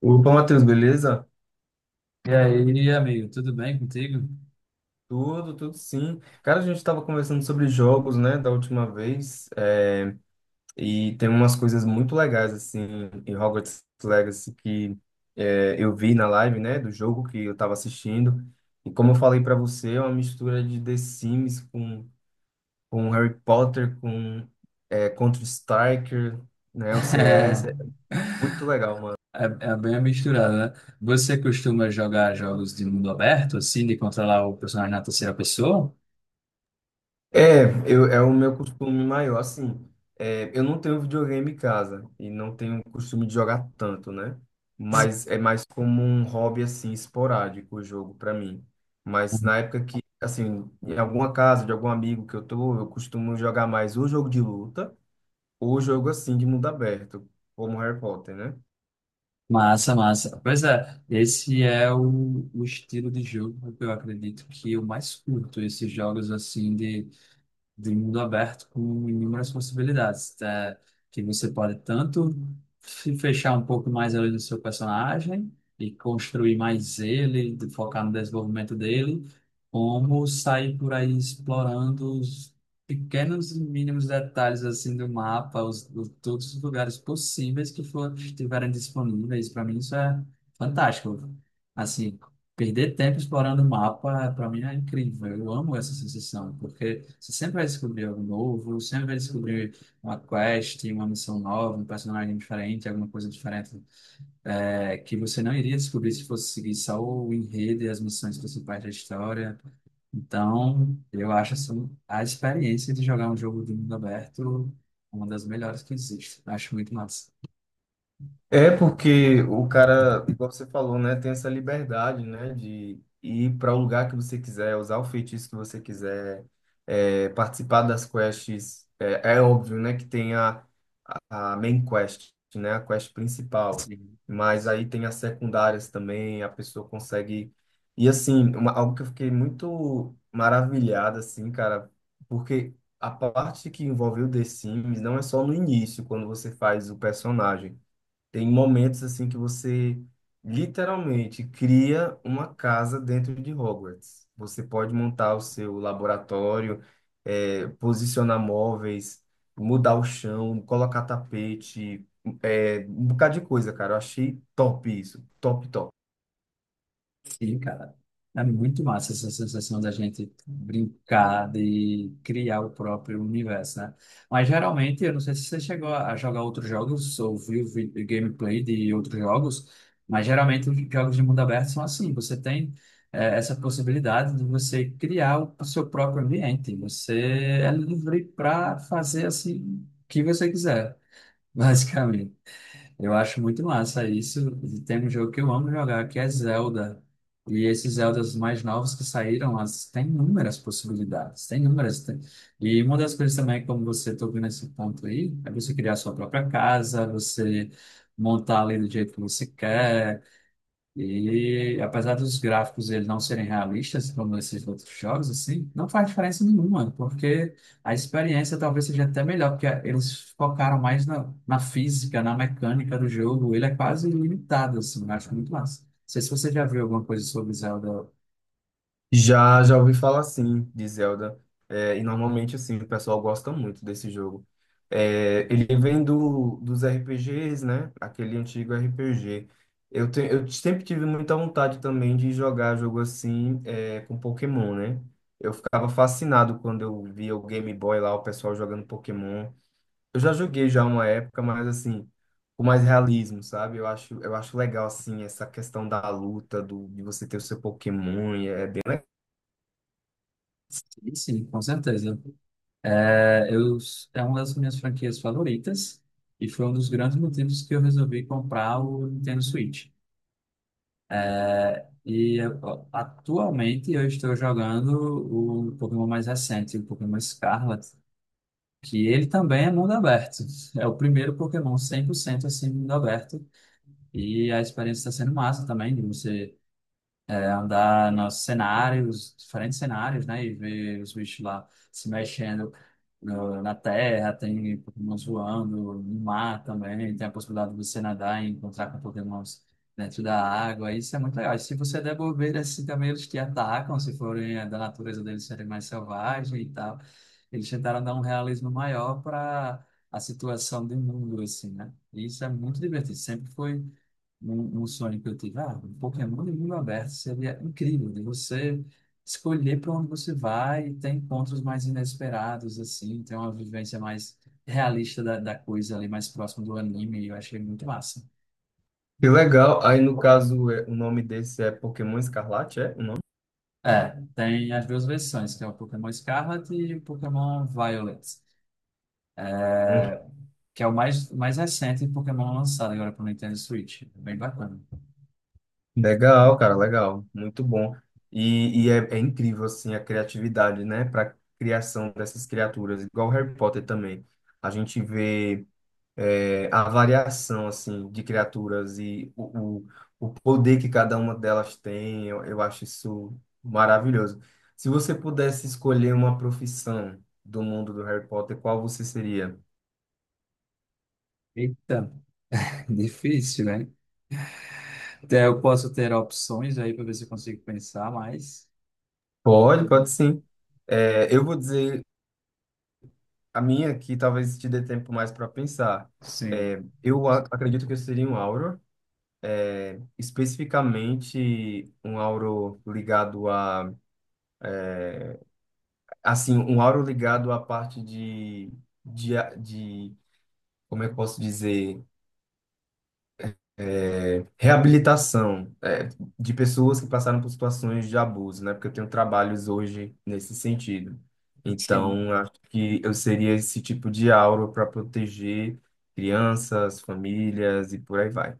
Opa, Matheus, beleza? E aí, amigo, tudo bem contigo? Tudo, tudo sim. Cara, a gente estava conversando sobre jogos, né, da última vez, e tem umas coisas muito legais, assim, em Hogwarts Legacy que eu vi na live, né, do jogo que eu estava assistindo. E como eu falei para você, é uma mistura de The Sims com Harry Potter, com Counter-Strike, né, o CS. É muito legal. É, é bem misturado, né? Você costuma jogar jogos de mundo aberto, assim, de controlar o personagem na terceira pessoa? É o meu costume maior, assim, eu não tenho videogame em casa e não tenho costume de jogar tanto, né? Mas é mais como um hobby, assim, esporádico o jogo pra mim. Mas na época que, assim, em alguma casa de algum amigo que eu tô, eu costumo jogar mais ou jogo de luta ou jogo, assim, de mundo aberto, como Harry Potter, né? Massa, massa. Pois é, esse é o estilo de jogo que eu acredito que eu mais curto, esses jogos assim de mundo aberto com inúmeras possibilidades, tá? Que você pode tanto se fechar um pouco mais ali no seu personagem e construir mais ele, de focar no desenvolvimento dele, como sair por aí explorando os pequenos e mínimos detalhes assim do mapa, todos os lugares possíveis que for, estiverem disponíveis. Para mim isso é fantástico. Assim, perder tempo explorando o mapa, para mim, é incrível. Eu amo essa sensação, porque você sempre vai descobrir algo novo, sempre vai descobrir uma quest, uma missão nova, um personagem diferente, alguma coisa diferente, que você não iria descobrir se fosse seguir só o enredo e as missões principais da história. Então, eu acho assim, a experiência de jogar um jogo de mundo aberto uma das melhores que existe. Acho muito massa. É porque o cara, igual você falou, né, tem essa liberdade, né, de ir para o lugar que você quiser, usar o feitiço que você quiser, participar das quests. É, é óbvio, né, que tem a main quest, né, a quest principal, Sim. mas aí tem as secundárias também, a pessoa consegue. E assim, algo que eu fiquei muito maravilhado, assim, cara, porque a parte que envolve o The Sims não é só no início, quando você faz o personagem. Tem momentos assim que você literalmente cria uma casa dentro de Hogwarts. Você pode montar o seu laboratório, posicionar móveis, mudar o chão, colocar tapete, um bocado de coisa, cara. Eu achei top isso, top, top. Sim, cara. É muito massa essa sensação da gente brincar de criar o próprio universo, né? Mas geralmente, eu não sei se você chegou a jogar outros jogos ou viu gameplay de outros jogos, mas geralmente os jogos de mundo aberto são assim. Você tem essa possibilidade de você criar o seu próprio ambiente. Você é livre para fazer assim o que você quiser, basicamente. Eu acho muito massa isso. E tem um jogo que eu amo jogar, que é Zelda. E esses Zeldas mais novos que saíram, tem inúmeras possibilidades, tem inúmeras. E uma das coisas também, como você tocou nesse ponto aí, é você criar sua própria casa, você montar ali do jeito que você quer, e apesar dos gráficos eles não serem realistas, como esses outros jogos, assim, não faz diferença nenhuma, porque a experiência talvez seja até melhor, porque eles focaram mais na, física, na mecânica do jogo, ele é quase ilimitado, assim, eu acho muito massa. Não sei se você já viu alguma coisa sobre Zelda. Já, já ouvi falar sim de Zelda. É, e normalmente assim, o pessoal gosta muito desse jogo. É, ele vem dos RPGs, né? Aquele antigo RPG. Eu sempre tive muita vontade também de jogar jogo assim, com Pokémon, né? Eu ficava fascinado quando eu via o Game Boy lá, o pessoal jogando Pokémon. Eu já joguei já uma época, mas assim, com mais realismo, sabe? Eu acho legal assim essa questão da luta, de você ter o seu Pokémon, e é bem... Sim, sim, com certeza. É, eu, é uma das minhas franquias favoritas, e foi um dos grandes motivos que eu resolvi comprar o Nintendo Switch. E ó, atualmente eu estou jogando o Pokémon mais recente, o Pokémon Scarlet, que ele também é mundo aberto. É o primeiro Pokémon 100% assim, mundo aberto. E a experiência está sendo massa também, de você andar nos cenários, diferentes cenários, né? E ver os bichos lá se mexendo na terra, tem Pokémon voando no mar também, tem a possibilidade de você nadar e encontrar com Pokémons dentro da água, isso é muito legal. E se você der bobeira, assim, também eles te atacam, se forem da natureza deles serem mais selvagem e tal. Eles tentaram dar um realismo maior para a situação do mundo, assim, né? E isso é muito divertido, sempre foi um, sonho que eu tive, ah, um Pokémon de mundo aberto seria incrível, de você escolher para onde você vai e ter encontros mais inesperados, assim, ter uma vivência mais realista da, coisa ali, mais próximo do anime, e eu achei muito massa. Que legal. Aí, no caso, o nome desse é Pokémon Escarlate, é o nome? É, tem as duas versões, que é o Pokémon Scarlet e o Pokémon Violet, Hum. é, que é o mais recente Pokémon lançado agora para o Nintendo Switch. Bem bacana. Legal, cara, legal. Muito bom. É incrível, assim, a criatividade, né, para criação dessas criaturas. Igual Harry Potter também. A gente vê a variação, assim, de criaturas e o poder que cada uma delas tem. Eu acho isso maravilhoso. Se você pudesse escolher uma profissão do mundo do Harry Potter, qual você seria? Eita, difícil, né? Até eu posso ter opções aí para ver se eu consigo pensar, mas Pode, pode sim. É, eu vou dizer a minha que talvez te dê tempo mais para pensar. sim, É, eu acredito que eu seria um Auro, especificamente um Auro ligado a, assim, um Auro ligado à parte de, como é que eu posso dizer? Reabilitação, é, de pessoas que passaram por situações de abuso, né? Porque eu tenho trabalhos hoje nesse sentido. sim. Então, acho que eu seria esse tipo de aura para proteger crianças, famílias e por aí vai.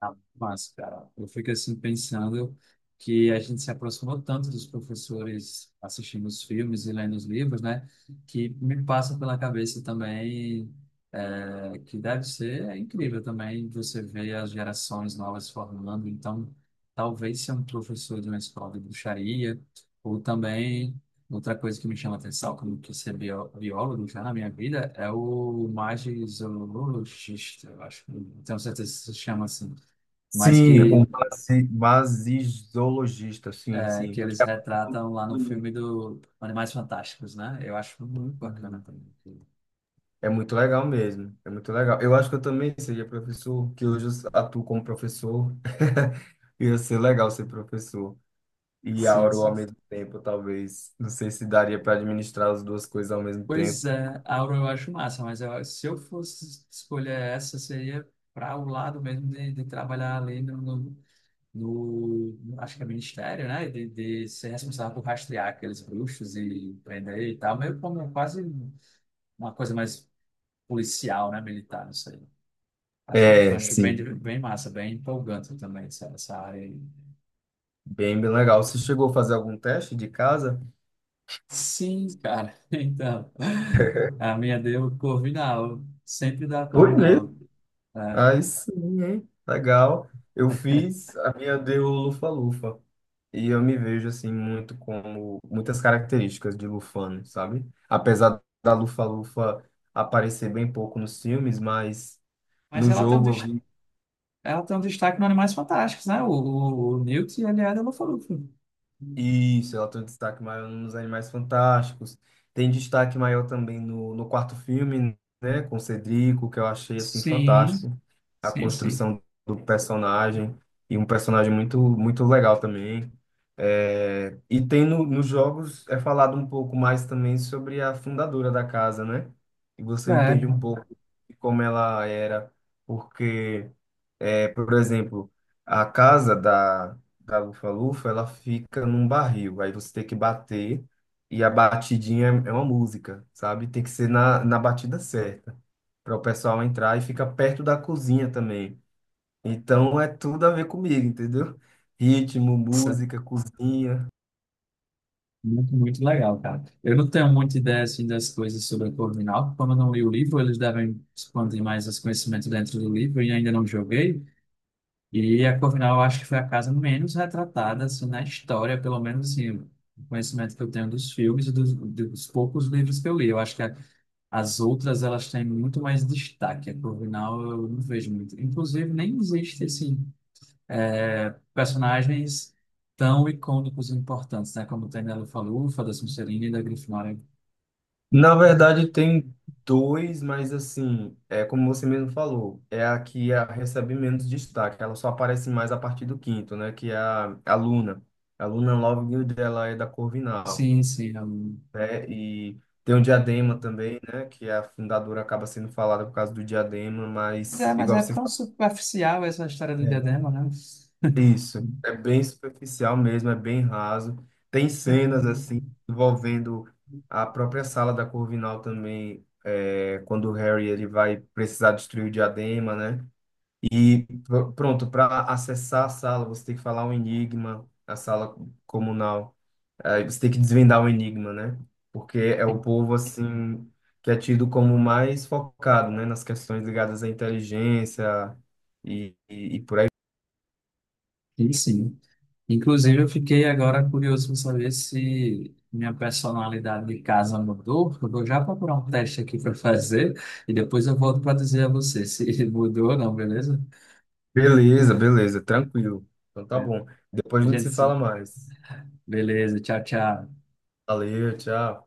Ah, mas, cara, eu fico assim pensando que a gente se aproximou tanto dos professores assistindo os filmes e lendo os livros, né? Que me passa pela cabeça também que deve ser incrível também você ver as gerações novas se formando. Então, talvez ser um professor de uma escola de bruxaria ou também outra coisa que me chama atenção, como que ser biólogo já na minha vida, é o magizoologista, eu acho. Não tenho certeza se chama assim, mas Sim, é o um que, vasizologista, sim, é, que sim. eles retratam lá no filme do Animais Fantásticos, né? Eu acho muito bacana Uhum. também. É muito legal mesmo, é muito legal. Eu acho que eu também seria professor, que hoje eu atuo como professor. Ia ser legal ser professor. E Sim, Auro ao sim. mesmo tempo, talvez. Não sei se daria para administrar as duas coisas ao mesmo tempo. Pois é, Aura eu acho massa, mas se eu fosse escolher essa, seria para o lado mesmo de, trabalhar ali acho que é ministério, né? De ser responsável por rastrear aqueles bruxos e prender e tal, meio como quase uma coisa mais policial, né? Militar, não sei. Acho, É, acho bem, sim. bem massa, bem empolgante também essa área aí. Bem, bem legal. Você chegou a fazer algum teste de casa? Sim, cara. Então, a minha deu Corvinal. Sempre dá Foi mesmo. Corvinal. É. Aí sim, hein? Legal. Eu fiz, a minha deu lufa-lufa. E eu me vejo, assim, muito como muitas características de Lufano, sabe? Apesar da lufa-lufa aparecer bem pouco nos filmes, mas Mas no ela tem um, jogo eu dest- vi... ela tem um destaque nos Animais Fantásticos, né? O Newt, ele é da Lufa-Lufa. Isso, ela tem um destaque maior nos Animais Fantásticos. Tem destaque maior também no quarto filme, né, com o Cedrico, que eu achei assim Sim, fantástico. A sim, sim. construção do personagem e um personagem muito muito legal também. É, e tem no, nos jogos é falado um pouco mais também sobre a fundadora da casa, né? E É, você entende um cara. pouco de como ela era, porque, é, por exemplo, a casa da lufa-lufa, ela fica num barril. Aí você tem que bater e a batidinha é uma música, sabe? Tem que ser na batida certa para o pessoal entrar e fica perto da cozinha também. Então é tudo a ver comigo, entendeu? Ritmo, Isso é música, cozinha. muito, muito legal, cara. Eu não tenho muita ideia, assim, das coisas sobre a Corvinal. Como eu não li o livro, eles devem expandir mais os conhecimentos dentro do livro e ainda não joguei. E a Corvinal, eu acho que foi a casa menos retratada assim, na história, pelo menos assim, o conhecimento que eu tenho dos filmes e dos poucos livros que eu li. Eu acho que as outras elas têm muito mais destaque. A Corvinal eu não vejo muito. Inclusive, nem existe assim, personagens tão icônicos e importantes, né? Como tem da Lufa-Lufa, da Sonserina e da Grifinória. Na verdade tem dois, mas assim, é como você mesmo falou, é a que recebe menos destaque. Ela só aparece mais a partir do quinto, né? Que é a Luna. A Luna Lovegood, ela é da Corvinal. Sim, sim. Né? E tem o Diadema também, né? Que a fundadora acaba sendo falada por causa do Diadema, Mas mas é, mas igual é você tão falou, superficial essa história do é diadema, né? isso. É bem superficial mesmo, é bem raso. Tem cenas assim envolvendo a própria sala da Corvinal também, é, quando o Harry ele vai precisar destruir o Diadema, né? E pronto, para acessar a sala, você tem que falar um enigma, a sala comunal. Aí você tem que desvendar o enigma, né? Porque é o povo, assim, que é tido como mais focado, né? Nas questões ligadas à inteligência e por aí. Sim, sim. Inclusive, eu fiquei agora curioso para saber se minha personalidade de casa mudou. Eu vou já procurar um teste aqui para fazer e depois eu volto para dizer a você se mudou ou não, beleza? Beleza, beleza, tranquilo. Então tá bom. Depois A a gente gente se se... fala mais. Beleza, tchau, tchau. Valeu, tchau.